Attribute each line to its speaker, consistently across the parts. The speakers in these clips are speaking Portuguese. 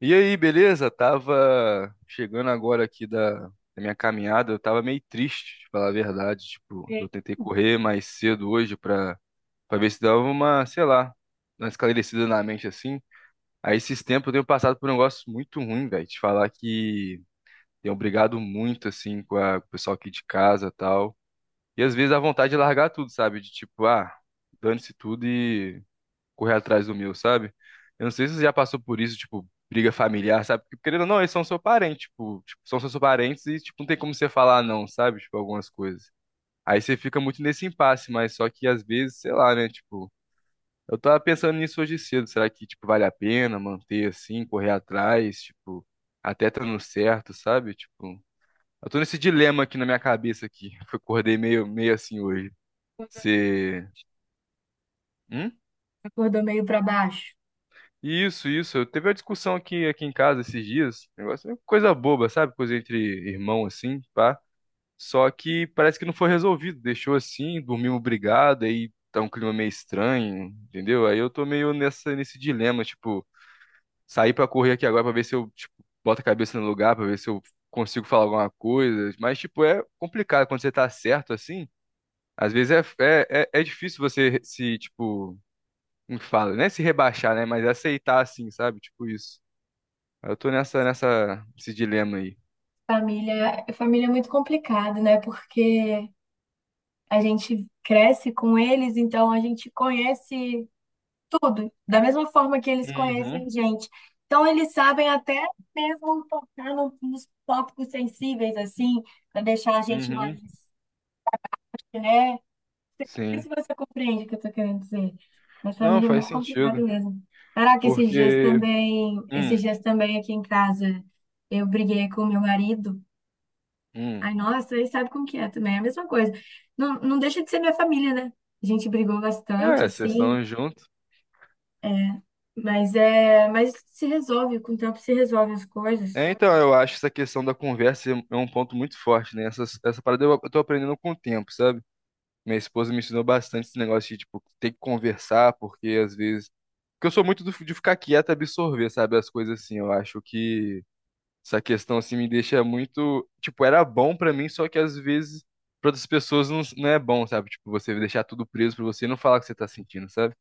Speaker 1: E aí, beleza? Tava chegando agora aqui da minha caminhada, eu tava meio triste, de falar a verdade. Tipo,
Speaker 2: É.
Speaker 1: eu tentei correr mais cedo hoje pra ver se dava uma, sei lá, uma esclarecida na mente assim. Aí esses tempos eu tenho passado por um negócio muito ruim, velho. Te falar que tenho brigado muito, assim, com o pessoal aqui de casa e tal. E às vezes a vontade de largar tudo, sabe? De tipo, ah, dane-se tudo correr atrás do meu, sabe? Eu não sei se você já passou por isso, tipo, briga familiar, sabe? Porque, querendo ou não, eles são seu parente, tipo, são seus parentes e, tipo, não tem como você falar não, sabe? Tipo, algumas coisas. Aí você fica muito nesse impasse, mas só que às vezes, sei lá, né? Tipo, eu tava pensando nisso hoje cedo. Será que, tipo, vale a pena manter assim, correr atrás, tipo, até tá no certo, sabe? Tipo, eu tô nesse dilema aqui na minha cabeça aqui. Eu acordei meio assim hoje.
Speaker 2: Acordou,
Speaker 1: Você. Hum?
Speaker 2: acordou meio para baixo.
Speaker 1: Isso, isso. Eu teve a discussão aqui em casa esses dias. Negócio, é coisa boba, sabe? Coisa entre irmão, assim, pá. Só que parece que não foi resolvido. Deixou assim, dormimos brigado, aí tá um clima meio estranho, entendeu? Aí eu tô meio nessa, nesse dilema, tipo, sair pra correr aqui agora pra ver se eu, tipo, boto a cabeça no lugar, pra ver se eu consigo falar alguma coisa. Mas, tipo, é complicado quando você tá certo assim. Às vezes é difícil você se, tipo, como que fala, né? Se rebaixar, né? Mas aceitar assim, sabe? Tipo isso. Eu tô esse dilema aí.
Speaker 2: Família, família é muito complicado, né? Porque a gente cresce com eles, então a gente conhece tudo, da mesma forma que eles conhecem
Speaker 1: Uhum,
Speaker 2: a gente. Então eles sabem até mesmo tocar nos tópicos sensíveis, assim, para deixar a gente
Speaker 1: uhum.
Speaker 2: mais, né? Não sei se
Speaker 1: Sim.
Speaker 2: você compreende o que eu tô querendo dizer. Mas
Speaker 1: Não,
Speaker 2: família é
Speaker 1: faz
Speaker 2: muito
Speaker 1: sentido.
Speaker 2: complicado mesmo. Caraca,
Speaker 1: Porque. Hum,
Speaker 2: esses dias também aqui em casa, eu briguei com meu marido.
Speaker 1: hum.
Speaker 2: Ai, nossa, aí sabe como que é também, é a mesma coisa. Não, não deixa de ser minha família, né? A gente brigou bastante,
Speaker 1: É, vocês
Speaker 2: assim,
Speaker 1: estão juntos.
Speaker 2: mas é, mas se resolve, com o tempo se resolve as coisas.
Speaker 1: É, então, eu acho essa questão da conversa é um ponto muito forte, né? Essa parada eu tô aprendendo com o tempo, sabe? Minha esposa me ensinou bastante esse negócio de, tipo, ter que conversar, porque às vezes. Porque eu sou muito de ficar quieto e absorver, sabe? As coisas assim. Eu acho que. Essa questão assim me deixa muito, tipo, era bom pra mim, só que às vezes pra outras pessoas não, não é bom, sabe? Tipo, você deixar tudo preso pra você e não falar o que você tá sentindo, sabe?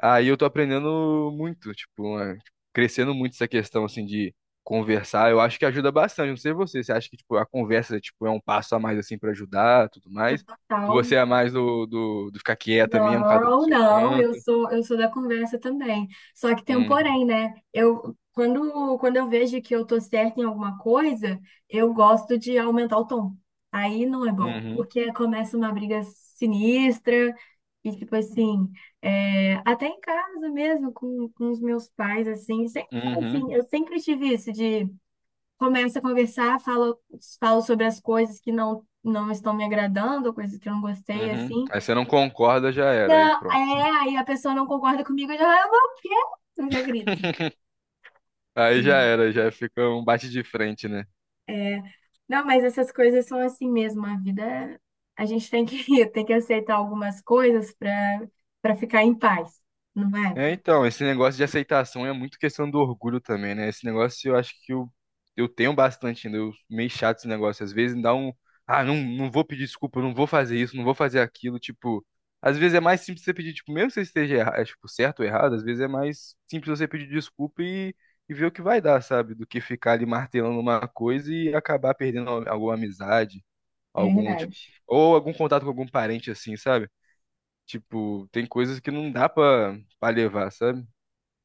Speaker 1: Aí eu tô aprendendo muito, tipo, é, tipo, crescendo muito essa questão assim de conversar. Eu acho que ajuda bastante, não sei você, você acha que tipo a conversa tipo é um passo a mais assim pra ajudar, tudo
Speaker 2: É
Speaker 1: mais? Ou
Speaker 2: total.
Speaker 1: você é mais do ficar quieta mesmo, cada um no
Speaker 2: Não,
Speaker 1: seu
Speaker 2: não, eu
Speaker 1: canto?
Speaker 2: sou, eu sou da conversa também. Só que tem um
Speaker 1: Hum,
Speaker 2: porém, né? Eu, quando eu vejo que eu tô certa em alguma coisa, eu gosto de aumentar o tom. Aí não é bom,
Speaker 1: uhum,
Speaker 2: porque começa uma briga sinistra e, tipo assim, é, até em casa mesmo, com os meus pais, assim, sempre são
Speaker 1: uhum,
Speaker 2: assim, eu sempre tive isso de começa a conversar, falo, falo sobre as coisas que não, não estão me agradando, coisas que eu não gostei,
Speaker 1: uhum.
Speaker 2: assim,
Speaker 1: Aí você não concorda, já era, aí
Speaker 2: não,
Speaker 1: pronto.
Speaker 2: é, aí a pessoa não concorda comigo, eu já, "Ah, não, o quê?" Eu já grito.
Speaker 1: Aí já
Speaker 2: É.
Speaker 1: era, já fica um bate de frente, né?
Speaker 2: Não, mas essas coisas são assim mesmo, a vida, a gente tem que, tem que aceitar algumas coisas para para ficar em paz, não é?
Speaker 1: É, então, esse negócio de aceitação é muito questão do orgulho também, né? Esse negócio eu acho que eu tenho bastante ainda, eu meio chato esse negócio. Às vezes dá um, ah, não, não vou pedir desculpa, não vou fazer isso, não vou fazer aquilo, tipo, às vezes é mais simples você pedir, tipo, mesmo que você esteja tipo, certo ou errado, às vezes é mais simples você pedir desculpa e ver o que vai dar, sabe? Do que ficar ali martelando uma coisa e acabar perdendo alguma amizade,
Speaker 2: É
Speaker 1: algum, tipo,
Speaker 2: verdade.
Speaker 1: ou algum contato com algum parente assim, sabe? Tipo, tem coisas que não dá pra levar, sabe?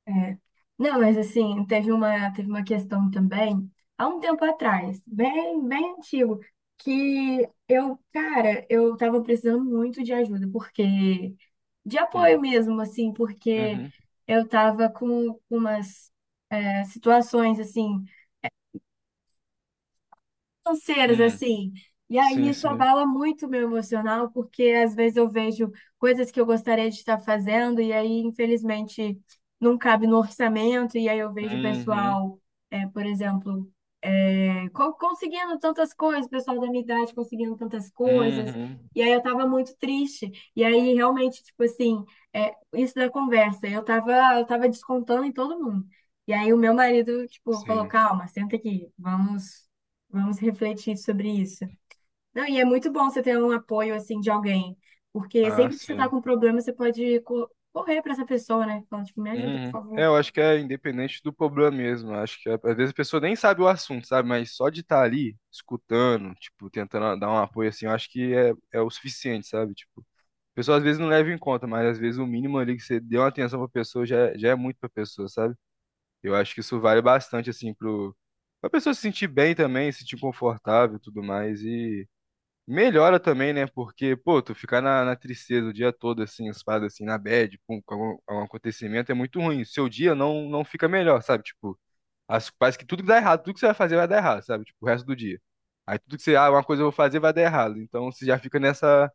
Speaker 2: É. Não, mas assim, teve uma questão também, há um tempo atrás, bem, bem antigo, que eu, cara, eu tava precisando muito de ajuda, porque, de apoio
Speaker 1: Hum,
Speaker 2: mesmo, assim, porque
Speaker 1: uhum,
Speaker 2: eu tava com umas é, situações, assim, financeiras,
Speaker 1: hum,
Speaker 2: assim. E aí
Speaker 1: sim,
Speaker 2: isso
Speaker 1: sim.
Speaker 2: abala muito o meu emocional, porque às vezes eu vejo coisas que eu gostaria de estar fazendo, e aí, infelizmente, não cabe no orçamento, e aí eu vejo o
Speaker 1: Uhum,
Speaker 2: pessoal, é, por exemplo, conseguindo tantas coisas, o pessoal da minha idade conseguindo tantas coisas,
Speaker 1: uhum,
Speaker 2: e aí eu tava muito triste, e aí realmente, tipo assim, é, isso da conversa, eu tava descontando em todo mundo, e aí o meu marido, tipo, falou,
Speaker 1: sim.
Speaker 2: calma, senta aqui, vamos, vamos refletir sobre isso. Não, e é muito bom você ter um apoio, assim, de alguém, porque
Speaker 1: Ah,
Speaker 2: sempre que você tá
Speaker 1: sim.
Speaker 2: com problema, você pode correr pra essa pessoa, né, falando, tipo, me ajuda, por
Speaker 1: Uhum. É,
Speaker 2: favor,
Speaker 1: eu acho que é independente do problema mesmo. Eu acho que às vezes a pessoa nem sabe o assunto, sabe? Mas só de estar ali, escutando, tipo, tentando dar um apoio assim, eu acho que é o suficiente, sabe? Tipo, a pessoa às vezes não leva em conta, mas às vezes o mínimo ali que você deu uma atenção pra pessoa já, já é muito pra pessoa, sabe? Eu acho que isso vale bastante, assim, pra pessoa se sentir bem também, se sentir confortável e tudo mais. E melhora também, né? Porque, pô, tu ficar na tristeza o dia todo, assim, as paradas assim, na bad, com algum acontecimento, é muito ruim. Seu dia não fica melhor, sabe? Tipo, parece que tudo que dá errado, tudo que você vai fazer vai dar errado, sabe? Tipo, o resto do dia. Aí tudo que você, ah, uma coisa eu vou fazer vai dar errado. Então você já fica nessa,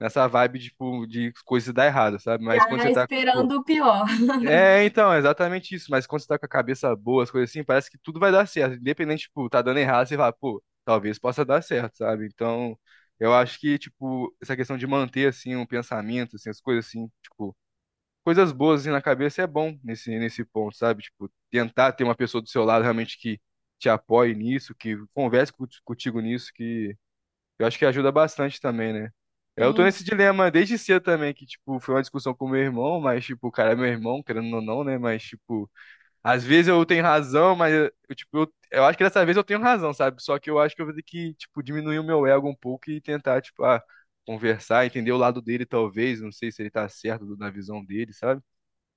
Speaker 1: nessa vibe, tipo, de coisas dar errado, sabe? Mas quando
Speaker 2: já
Speaker 1: você tá, tipo,
Speaker 2: esperando o pior.
Speaker 1: é, então, é exatamente isso. Mas quando você tá com a cabeça boa, as coisas assim, parece que tudo vai dar certo. Independente, tipo, tá dando errado, você fala, pô, talvez possa dar certo, sabe? Então, eu acho que, tipo, essa questão de manter, assim, um pensamento, assim, as coisas assim, tipo, coisas boas, assim, na cabeça é bom nesse ponto, sabe? Tipo, tentar ter uma pessoa do seu lado realmente que te apoie nisso, que converse contigo nisso, que eu acho que ajuda bastante também, né? Eu tô
Speaker 2: Sim.
Speaker 1: nesse dilema desde cedo também, que, tipo, foi uma discussão com meu irmão, mas, tipo, o cara é meu irmão, querendo ou não, né? Mas, tipo, às vezes eu tenho razão, mas, tipo, eu acho que dessa vez eu tenho razão, sabe? Só que eu acho que eu vou ter que, tipo, diminuir o meu ego um pouco e tentar, tipo, ah, conversar, entender o lado dele, talvez, não sei se ele tá certo na visão dele, sabe?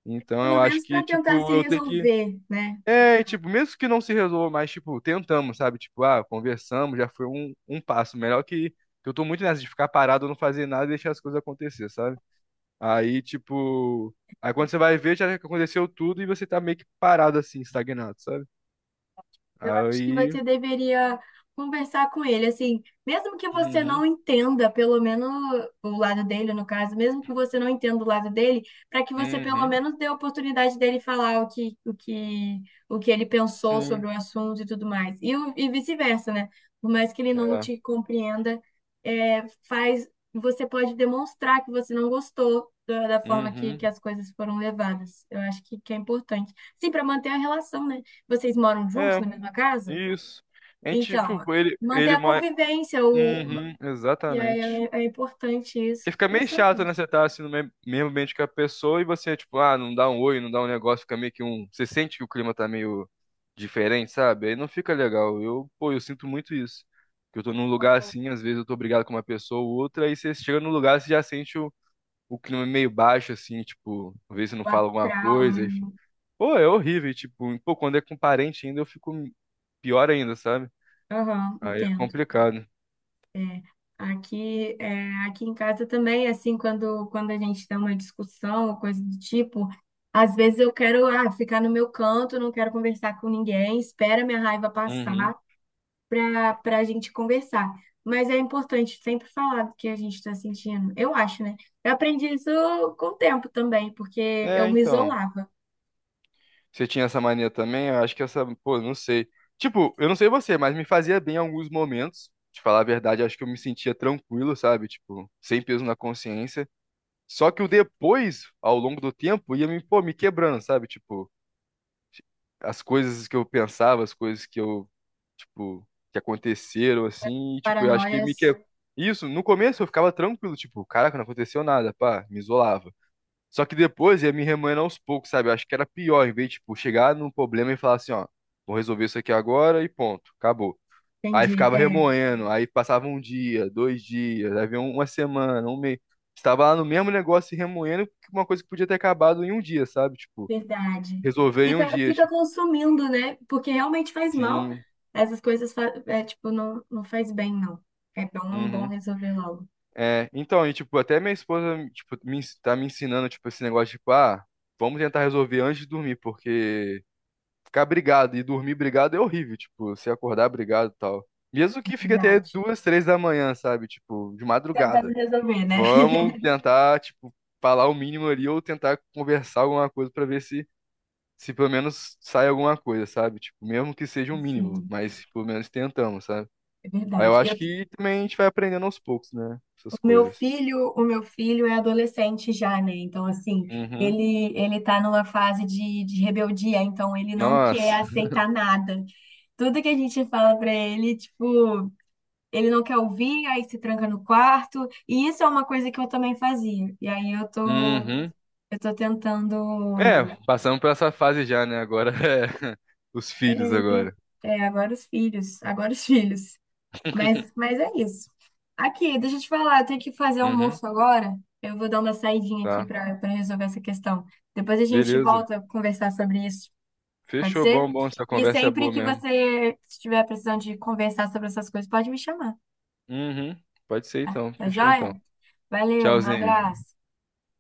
Speaker 1: Então
Speaker 2: Pelo
Speaker 1: eu acho
Speaker 2: menos
Speaker 1: que,
Speaker 2: para tentar se
Speaker 1: tipo, eu tenho que
Speaker 2: resolver, né?
Speaker 1: e, tipo, mesmo que não se resolva, mas, tipo, tentamos, sabe? Tipo, ah, conversamos, já foi um passo. Melhor que eu tô muito nessa de ficar parado, não fazer nada e deixar as coisas acontecer, sabe? Aí, tipo, aí quando você vai ver, já aconteceu tudo e você tá meio que parado assim, estagnado, sabe?
Speaker 2: Eu acho que
Speaker 1: Aí.
Speaker 2: você deveria conversar com ele, assim, mesmo que você
Speaker 1: Uhum,
Speaker 2: não entenda, pelo menos o lado dele, no caso, mesmo que você não entenda o lado dele, para que você pelo
Speaker 1: uhum,
Speaker 2: menos dê a oportunidade dele falar o que ele pensou sobre
Speaker 1: sim,
Speaker 2: o assunto e tudo mais. E, e vice-versa, né? Por mais que ele não
Speaker 1: é,
Speaker 2: te compreenda, é, faz, você pode demonstrar que você não gostou da, da forma
Speaker 1: uhum,
Speaker 2: que as coisas foram levadas. Eu acho que é importante. Sim, para manter a relação, né? Vocês moram juntos na
Speaker 1: é,
Speaker 2: mesma casa?
Speaker 1: isso. A gente,
Speaker 2: Então,
Speaker 1: tipo, ele,
Speaker 2: manter
Speaker 1: ele
Speaker 2: a
Speaker 1: mora.
Speaker 2: convivência, o...
Speaker 1: Uhum,
Speaker 2: E aí
Speaker 1: exatamente.
Speaker 2: é, é importante
Speaker 1: Porque
Speaker 2: isso.
Speaker 1: fica
Speaker 2: Porque é
Speaker 1: meio
Speaker 2: sabe,
Speaker 1: chato,
Speaker 2: o
Speaker 1: né? Você tá assim no mesmo ambiente que a pessoa e você, tipo, ah, não dá um oi, não dá um negócio, fica meio que um. Você sente que o clima tá meio diferente, sabe? Aí não fica legal. Eu, pô, eu sinto muito isso. Que eu tô num lugar assim, às vezes eu tô brigado com uma pessoa ou outra, aí você chega no lugar, você já sente o clima meio baixo, assim, tipo, às vezes você não fala alguma
Speaker 2: astral, né?
Speaker 1: coisa, enfim. Pô, é horrível, e, tipo, pô, quando é com parente ainda eu fico pior ainda, sabe?
Speaker 2: Aham,
Speaker 1: Aí é
Speaker 2: entendo.
Speaker 1: complicado.
Speaker 2: Aqui, é, aqui em casa também, assim, quando a gente tem uma discussão ou coisa do tipo, às vezes eu quero, ah, ficar no meu canto, não quero conversar com ninguém, espera minha raiva
Speaker 1: Uhum.
Speaker 2: passar. Para para a gente conversar. Mas é importante sempre falar do que a gente está sentindo. Eu acho, né? Eu aprendi isso com o tempo também, porque eu
Speaker 1: É,
Speaker 2: me
Speaker 1: então.
Speaker 2: isolava.
Speaker 1: Você tinha essa mania também? Eu acho que essa, pô, não sei. Tipo, eu não sei você, mas me fazia bem em alguns momentos. De falar a verdade, acho que eu me sentia tranquilo, sabe? Tipo, sem peso na consciência. Só que o depois, ao longo do tempo, ia me, pô, me quebrando, sabe? Tipo, as coisas que eu pensava, as coisas que eu, tipo, que aconteceram assim, e, tipo, eu acho que me que.
Speaker 2: Paranoias,
Speaker 1: Isso, no começo eu ficava tranquilo, tipo, caraca, não aconteceu nada, pá, me isolava. Só que depois ia me remoendo aos poucos, sabe? Eu acho que era pior, em vez de, tipo, chegar num problema e falar assim, ó, vou resolver isso aqui agora e ponto, acabou. Aí
Speaker 2: entendi.
Speaker 1: ficava
Speaker 2: É,
Speaker 1: remoendo, aí passava um dia, 2 dias, aí vinha uma semana, um mês. Estava lá no mesmo negócio e remoendo uma coisa que podia ter acabado em um dia, sabe? Tipo,
Speaker 2: verdade.
Speaker 1: resolver em um
Speaker 2: Fica,
Speaker 1: dia,
Speaker 2: fica
Speaker 1: tipo,
Speaker 2: consumindo, né? Porque realmente faz mal.
Speaker 1: sim,
Speaker 2: Essas coisas, é, tipo, não, não faz bem, não. É bom, bom
Speaker 1: uhum.
Speaker 2: resolver logo.
Speaker 1: É, então, e, tipo, até minha esposa, tipo, tá me ensinando, tipo, esse negócio, tipo, ah, vamos tentar resolver antes de dormir, porque ficar brigado e dormir brigado é horrível, tipo, você acordar brigado e tal. Mesmo que fique até
Speaker 2: Verdade.
Speaker 1: 2, 3 da manhã, sabe? Tipo, de
Speaker 2: Tentando
Speaker 1: madrugada.
Speaker 2: resolver, né?
Speaker 1: Vamos tentar, tipo, falar o mínimo ali ou tentar conversar alguma coisa pra ver se pelo menos sai alguma coisa, sabe? Tipo, mesmo que seja o mínimo,
Speaker 2: Sim,
Speaker 1: mas pelo menos tentamos, sabe?
Speaker 2: é
Speaker 1: Aí eu
Speaker 2: verdade.
Speaker 1: acho
Speaker 2: Eu
Speaker 1: que também a gente vai aprendendo aos poucos, né?
Speaker 2: o
Speaker 1: Essas
Speaker 2: meu
Speaker 1: coisas.
Speaker 2: filho, o meu filho é adolescente já, né? Então, assim,
Speaker 1: Uhum.
Speaker 2: ele tá numa fase de rebeldia, então ele não quer
Speaker 1: Nossa.
Speaker 2: aceitar nada. Tudo que a gente fala pra ele, tipo, ele não quer ouvir, aí se tranca no quarto. E isso é uma coisa que eu também fazia. E aí
Speaker 1: Uhum.
Speaker 2: eu tô
Speaker 1: É,
Speaker 2: tentando
Speaker 1: passamos por essa fase já, né? Agora é os filhos
Speaker 2: é,
Speaker 1: agora.
Speaker 2: é, agora os filhos, agora os filhos. Mas é isso. Aqui, deixa eu te falar, eu tenho que fazer
Speaker 1: Uhum.
Speaker 2: almoço agora. Eu vou dar uma saidinha aqui
Speaker 1: Tá.
Speaker 2: para para resolver essa questão. Depois a gente
Speaker 1: Beleza.
Speaker 2: volta a conversar sobre isso, pode
Speaker 1: Fechou,
Speaker 2: ser?
Speaker 1: bom, bom. Essa
Speaker 2: E
Speaker 1: conversa é
Speaker 2: sempre
Speaker 1: boa
Speaker 2: que
Speaker 1: mesmo.
Speaker 2: você estiver precisando de conversar sobre essas coisas, pode me chamar,
Speaker 1: Uhum. Pode ser então.
Speaker 2: tá
Speaker 1: Fechou
Speaker 2: joia?
Speaker 1: então.
Speaker 2: Valeu, um
Speaker 1: Tchauzinho.
Speaker 2: abraço.